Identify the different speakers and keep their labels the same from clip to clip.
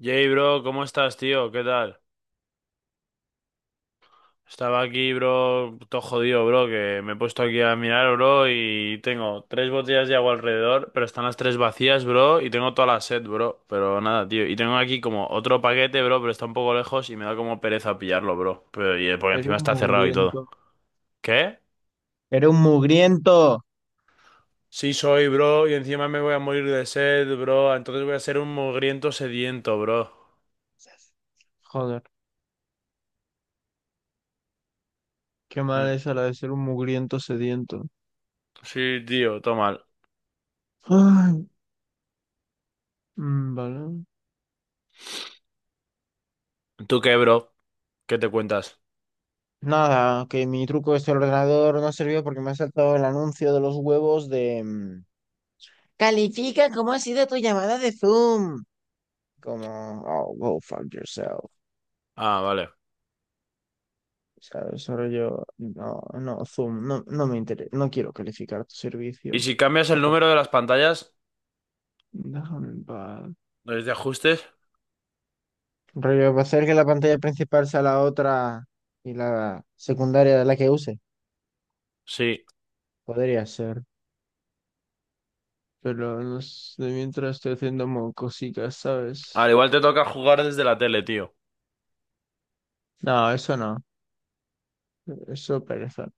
Speaker 1: Jay, bro, ¿cómo estás, tío? ¿Qué tal? Estaba aquí, bro, todo jodido, bro, que me he puesto aquí a mirar, bro, y tengo tres botellas de agua alrededor, pero están las tres vacías, bro, y tengo toda la sed, bro, pero nada, tío. Y tengo aquí como otro paquete, bro, pero está un poco lejos y me da como pereza pillarlo, bro. Pero, porque
Speaker 2: Era
Speaker 1: encima
Speaker 2: un
Speaker 1: está cerrado y todo.
Speaker 2: mugriento.
Speaker 1: ¿Qué?
Speaker 2: Era un mugriento.
Speaker 1: Sí soy, bro, y encima me voy a morir de sed, bro, entonces voy a ser un mugriento sediento, bro.
Speaker 2: Joder, qué mal
Speaker 1: Mm.
Speaker 2: es la de ser un mugriento sediento.
Speaker 1: Sí, tío, todo mal.
Speaker 2: Ay, mm, vale.
Speaker 1: ¿Tú qué, bro? ¿Qué te cuentas?
Speaker 2: Nada, que mi truco este del ordenador no sirvió porque me ha saltado el anuncio de los huevos de... Califica cómo ha sido tu llamada de Zoom. Como, oh, go fuck yourself.
Speaker 1: Ah, vale.
Speaker 2: ¿Sabes? Solo yo, no, no, Zoom, no, no me interesa, no quiero calificar tu
Speaker 1: ¿Y
Speaker 2: servicio.
Speaker 1: si cambias el
Speaker 2: Déjame
Speaker 1: número de las pantallas,
Speaker 2: déjame en paz.
Speaker 1: desde ajustes?
Speaker 2: Rollo, va a ser que la pantalla principal sea la otra y la secundaria de la que use.
Speaker 1: Sí.
Speaker 2: Podría ser. Pero no sé, mientras estoy haciendo cositas,
Speaker 1: Al
Speaker 2: ¿sabes?
Speaker 1: igual te toca jugar desde la tele, tío.
Speaker 2: No, eso no. Eso pereza.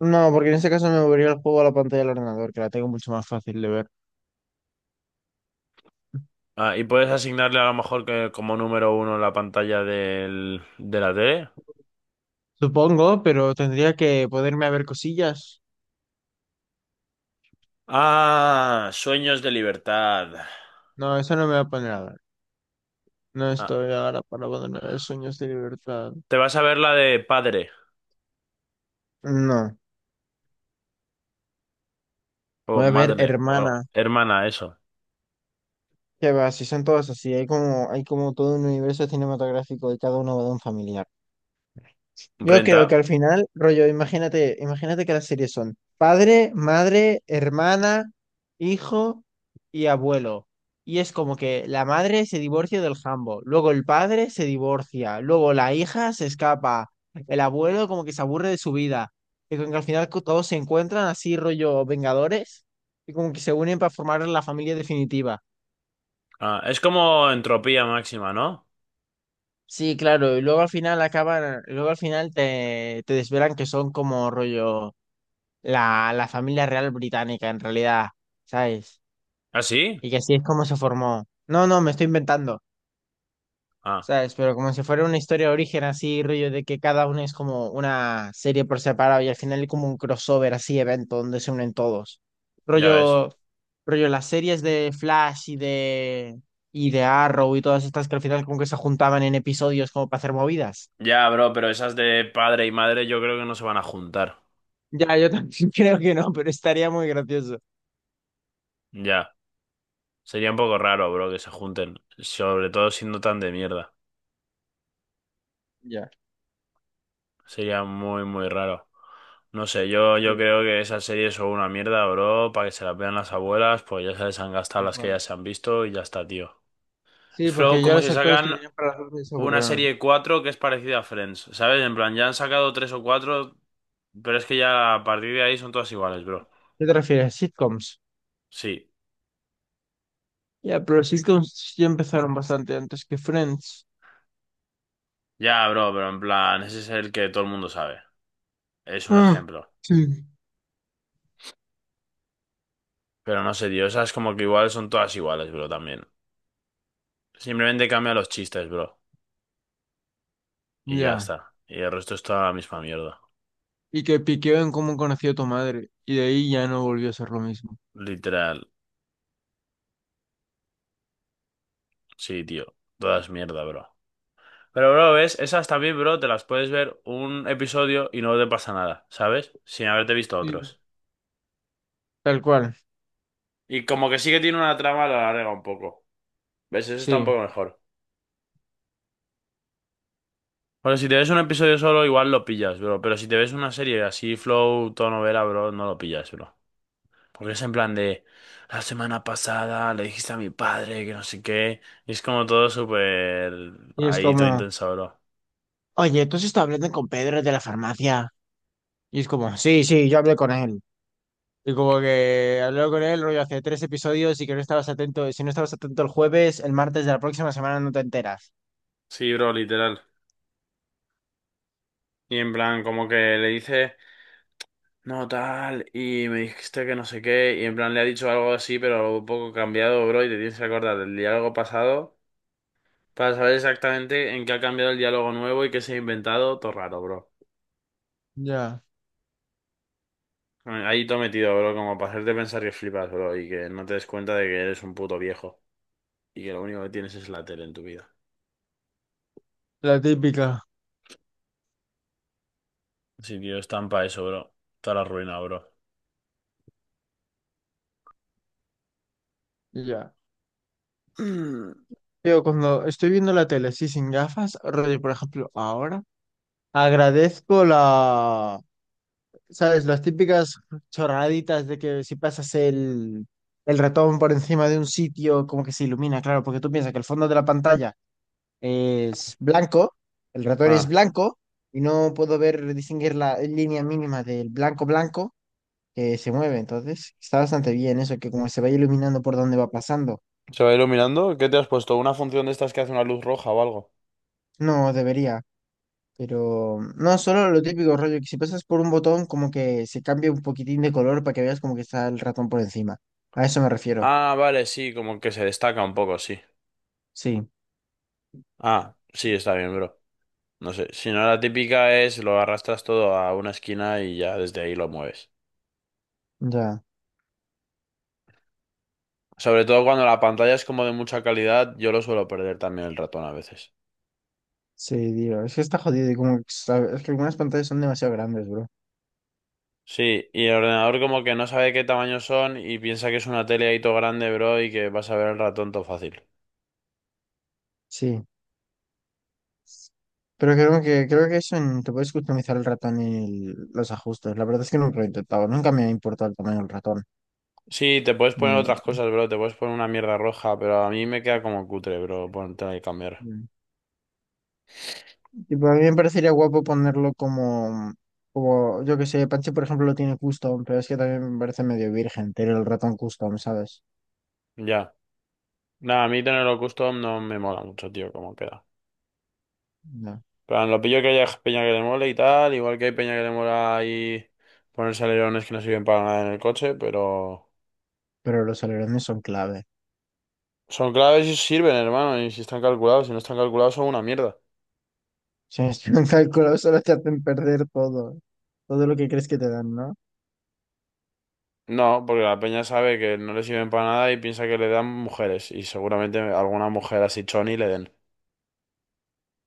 Speaker 2: No, porque en ese caso me movería el juego a la pantalla del ordenador, que la tengo mucho más fácil de ver.
Speaker 1: Ah, y puedes asignarle a lo mejor que como número uno la pantalla de la tele.
Speaker 2: Supongo, pero tendría que poderme a ver cosillas.
Speaker 1: Ah, sueños de libertad.
Speaker 2: No, eso no me va a poner a ver. No
Speaker 1: Ah,
Speaker 2: estoy ahora para ponerme a ver sueños de libertad.
Speaker 1: te vas a ver la de padre
Speaker 2: No.
Speaker 1: o
Speaker 2: Voy a ver,
Speaker 1: madre o
Speaker 2: hermana.
Speaker 1: hermana, eso.
Speaker 2: Que va, si son todos así, hay como todo un universo cinematográfico y cada uno va de un familiar. Yo creo que
Speaker 1: Renta.
Speaker 2: al final, rollo, imagínate, imagínate que las series son padre, madre, hermana, hijo y abuelo. Y es como que la madre se divorcia del jambo, luego el padre se divorcia, luego la hija se escapa, el abuelo como que se aburre de su vida. Y como que al final todos se encuentran así, rollo Vengadores, y como que se unen para formar la familia definitiva.
Speaker 1: Ah, es como entropía máxima, ¿no?
Speaker 2: Sí, claro, y luego al final acaban, luego al final te desvelan que son como rollo la familia real británica en realidad, ¿sabes?
Speaker 1: ¿Ah, sí?
Speaker 2: Y que así es como se formó. No, no, me estoy inventando,
Speaker 1: Ah,
Speaker 2: ¿sabes? Pero como si fuera una historia de origen así, rollo de que cada uno es como una serie por separado y al final hay como un crossover así, evento donde se unen todos.
Speaker 1: ya ves.
Speaker 2: Rollo, rollo las series de Flash y de Arrow y todas estas que al final como que se juntaban en episodios como para hacer movidas.
Speaker 1: Ya, bro, pero esas de padre y madre yo creo que no se van a juntar.
Speaker 2: Ya, yo también creo que no, pero estaría muy gracioso.
Speaker 1: Ya. Sería un poco raro, bro, que se junten, sobre todo siendo tan de mierda.
Speaker 2: Ya,
Speaker 1: Sería muy, muy raro. No sé, yo
Speaker 2: sí,
Speaker 1: creo que esas series son una mierda, bro, para que se las vean las abuelas, pues ya se les han gastado
Speaker 2: tal
Speaker 1: las que ya
Speaker 2: cual.
Speaker 1: se han visto y ya está, tío.
Speaker 2: Sí,
Speaker 1: Es flow
Speaker 2: porque ya
Speaker 1: como
Speaker 2: los
Speaker 1: si
Speaker 2: actores que
Speaker 1: sacan
Speaker 2: tenían para las dos se
Speaker 1: una
Speaker 2: aburrieron.
Speaker 1: serie 4 que es parecida a Friends, ¿sabes? En plan, ya han sacado tres o cuatro, pero es que ya a partir de ahí son todas iguales, bro.
Speaker 2: ¿Qué te refieres? Sitcoms.
Speaker 1: Sí,
Speaker 2: Ya, pero los sitcoms ya empezaron bastante antes que Friends.
Speaker 1: ya, bro, pero en plan, ese es el que todo el mundo sabe. Es un
Speaker 2: Ah,
Speaker 1: ejemplo.
Speaker 2: sí.
Speaker 1: Pero no sé, tío, esas como que igual son todas iguales, bro, también. Simplemente cambia los chistes, bro. Y ya
Speaker 2: Ya.
Speaker 1: está. Y el resto es toda la misma mierda.
Speaker 2: Y que piqueó en cómo conocí a tu madre. Y de ahí ya no volvió a ser lo mismo.
Speaker 1: Literal. Sí, tío. Todas mierda, bro. Pero, bro, ¿ves? Esas también, bro, te las puedes ver un episodio y no te pasa nada, ¿sabes? Sin haberte visto
Speaker 2: Sí.
Speaker 1: otros.
Speaker 2: Tal cual,
Speaker 1: Y como que sí que tiene una trama, la alarga un poco. ¿Ves? Eso está un
Speaker 2: sí.
Speaker 1: poco mejor. Bueno, si te ves un episodio solo, igual lo pillas, bro. Pero si te ves una serie así, flow, tono novela, bro, no lo pillas, bro. Porque es en plan de, la semana pasada le dijiste a mi padre que no sé qué. Y es como todo súper...
Speaker 2: Y es
Speaker 1: Ahí todo
Speaker 2: como,
Speaker 1: intenso, bro.
Speaker 2: oye, ¿tú has estado hablando con Pedro de la farmacia? Y es como, sí, sí, yo hablé con él. Y como que hablaba con él, rollo, hace tres episodios y que no estabas atento. Si no estabas atento el jueves, el martes de la próxima semana no te enteras.
Speaker 1: Sí, bro, literal. Y en plan, como que le dice, no, tal, y me dijiste que no sé qué, y en plan le ha dicho algo así, pero un poco cambiado, bro, y te tienes que acordar del diálogo pasado para saber exactamente en qué ha cambiado el diálogo nuevo y qué se ha inventado, todo raro, bro.
Speaker 2: Ya,
Speaker 1: Ahí todo metido, bro, como para hacerte pensar que flipas, bro, y que no te des cuenta de que eres un puto viejo, y que lo único que tienes es la tele en tu vida.
Speaker 2: la típica.
Speaker 1: Sí, tío, estampa eso, bro. Toda la ruina, bro.
Speaker 2: Ya.
Speaker 1: Mm.
Speaker 2: Yo cuando estoy viendo la tele, sí, sin gafas, rollo, por ejemplo, ahora, agradezco la, ¿sabes? Las típicas chorraditas de que si pasas el ratón por encima de un sitio, como que se ilumina, claro, porque tú piensas que el fondo de la pantalla es blanco, el ratón es
Speaker 1: Ah,
Speaker 2: blanco y no puedo ver distinguir la línea mínima del blanco blanco que se mueve. Entonces, está bastante bien eso, que como se va iluminando por donde va pasando.
Speaker 1: ¿se va iluminando? ¿Qué te has puesto? ¿Una función de estas que hace una luz roja o algo?
Speaker 2: No debería, pero no solo lo típico rollo, que si pasas por un botón como que se cambia un poquitín de color para que veas como que está el ratón por encima. A eso me refiero.
Speaker 1: Ah, vale, sí, como que se destaca un poco, sí.
Speaker 2: Sí,
Speaker 1: Ah, sí, está bien, bro. No sé, si no la típica es lo arrastras todo a una esquina y ya desde ahí lo mueves.
Speaker 2: ya.
Speaker 1: Sobre todo cuando la pantalla es como de mucha calidad, yo lo suelo perder también el ratón a veces.
Speaker 2: Sí, digo, es que está jodido y como que, es que algunas pantallas son demasiado grandes, bro.
Speaker 1: Sí, y el ordenador como que no sabe qué tamaño son y piensa que es una tele ahí todo grande, bro, y que vas a ver el ratón todo fácil.
Speaker 2: Sí. Pero creo que te puedes customizar el ratón y los ajustes. La verdad es que nunca lo he intentado, nunca me ha importado el tamaño del ratón.
Speaker 1: Sí, te puedes poner otras
Speaker 2: Mm,
Speaker 1: cosas, bro, te puedes poner una mierda roja, pero a mí me queda como cutre, bro, ponerte que cambiar.
Speaker 2: mm. Tipo, a mí me parecería guapo ponerlo como, como, yo que sé, Panche, por ejemplo, lo tiene custom, pero es que también me parece medio virgen tener el ratón custom, ¿sabes?
Speaker 1: Ya. Nada, a mí tenerlo custom no me mola mucho, tío, como queda.
Speaker 2: No.
Speaker 1: Pero lo pillo que haya peña que le mole y tal, igual que hay peña que le mola ahí ponerse alerones que no sirven para nada en el coche, pero
Speaker 2: Pero los alerones son clave.
Speaker 1: son claves y sirven, hermano, y si están calculados, si no están calculados son una mierda.
Speaker 2: Si no están calculados, solo te hacen perder todo. Todo lo que crees que te dan, ¿no?
Speaker 1: No, porque la peña sabe que no le sirven para nada y piensa que le dan mujeres. Y seguramente alguna mujer así choni le den.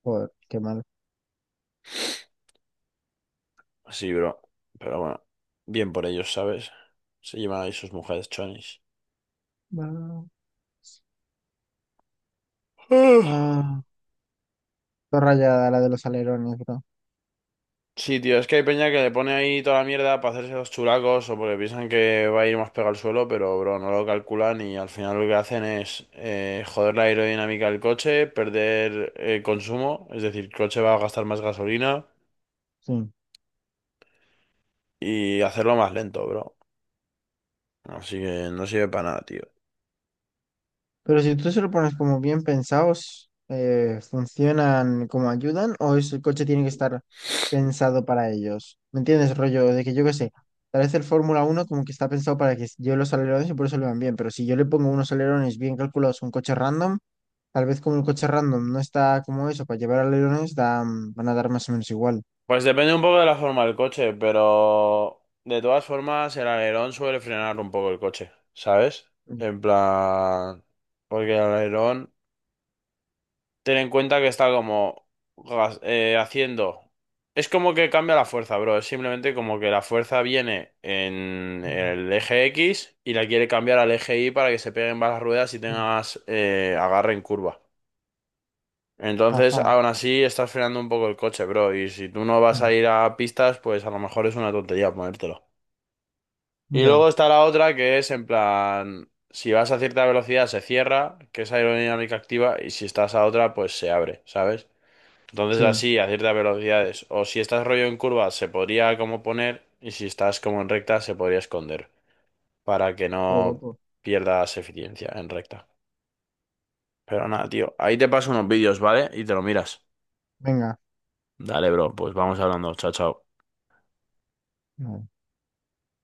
Speaker 2: Joder, qué mal.
Speaker 1: Sí, bro. Pero bueno, bien por ellos, ¿sabes? Se llevan ahí sus mujeres chonis.
Speaker 2: Ah,
Speaker 1: Ah.
Speaker 2: ah, todo rayada la de los alerones, bro.
Speaker 1: Sí, tío, es que hay peña que le pone ahí toda la mierda para hacerse los chulacos o porque piensan que va a ir más pegado al suelo, pero bro, no lo calculan y al final lo que hacen es joder la aerodinámica del coche, perder consumo, es decir, el coche va a gastar más gasolina
Speaker 2: Sí.
Speaker 1: y hacerlo más lento, bro. Así que no sirve para nada, tío.
Speaker 2: Pero si tú se lo pones como bien pensados, ¿funcionan como ayudan o el coche tiene que estar pensado para ellos? ¿Me entiendes, rollo? De que yo qué sé, tal vez el Fórmula 1 como que está pensado para que lleve los alerones y por eso le van bien, pero si yo le pongo unos alerones bien calculados a un coche random, tal vez como el coche random no está como eso, para llevar alerones da, mm, van a dar más o menos igual.
Speaker 1: Pues depende un poco de la forma del coche, pero de todas formas el alerón suele frenar un poco el coche, ¿sabes?
Speaker 2: Mm,
Speaker 1: En plan, porque el alerón, ten en cuenta que está como haciendo... Es como que cambia la fuerza, bro. Es simplemente como que la fuerza viene en
Speaker 2: mm,
Speaker 1: el eje X y la quiere cambiar al eje Y para que se peguen más las ruedas y
Speaker 2: mm.
Speaker 1: tengas agarre en curva. Entonces,
Speaker 2: Ajá,
Speaker 1: aún así, estás frenando un poco el coche, bro. Y si tú no vas
Speaker 2: mm,
Speaker 1: a ir a pistas, pues a lo mejor es una tontería ponértelo. Y
Speaker 2: ya,
Speaker 1: luego está la otra que es en plan, si vas a cierta velocidad se cierra, que es aerodinámica activa, y si estás a otra, pues se abre, ¿sabes? Entonces
Speaker 2: sí,
Speaker 1: así, a ciertas velocidades. O si estás rollo en curva, se podría como poner, y si estás como en recta, se podría esconder, para que
Speaker 2: qué
Speaker 1: no
Speaker 2: guapo.
Speaker 1: pierdas eficiencia en recta. Pero nada, tío, ahí te paso unos vídeos, ¿vale? Y te lo miras.
Speaker 2: Venga.
Speaker 1: Dale, bro, pues vamos hablando. Chao, chao.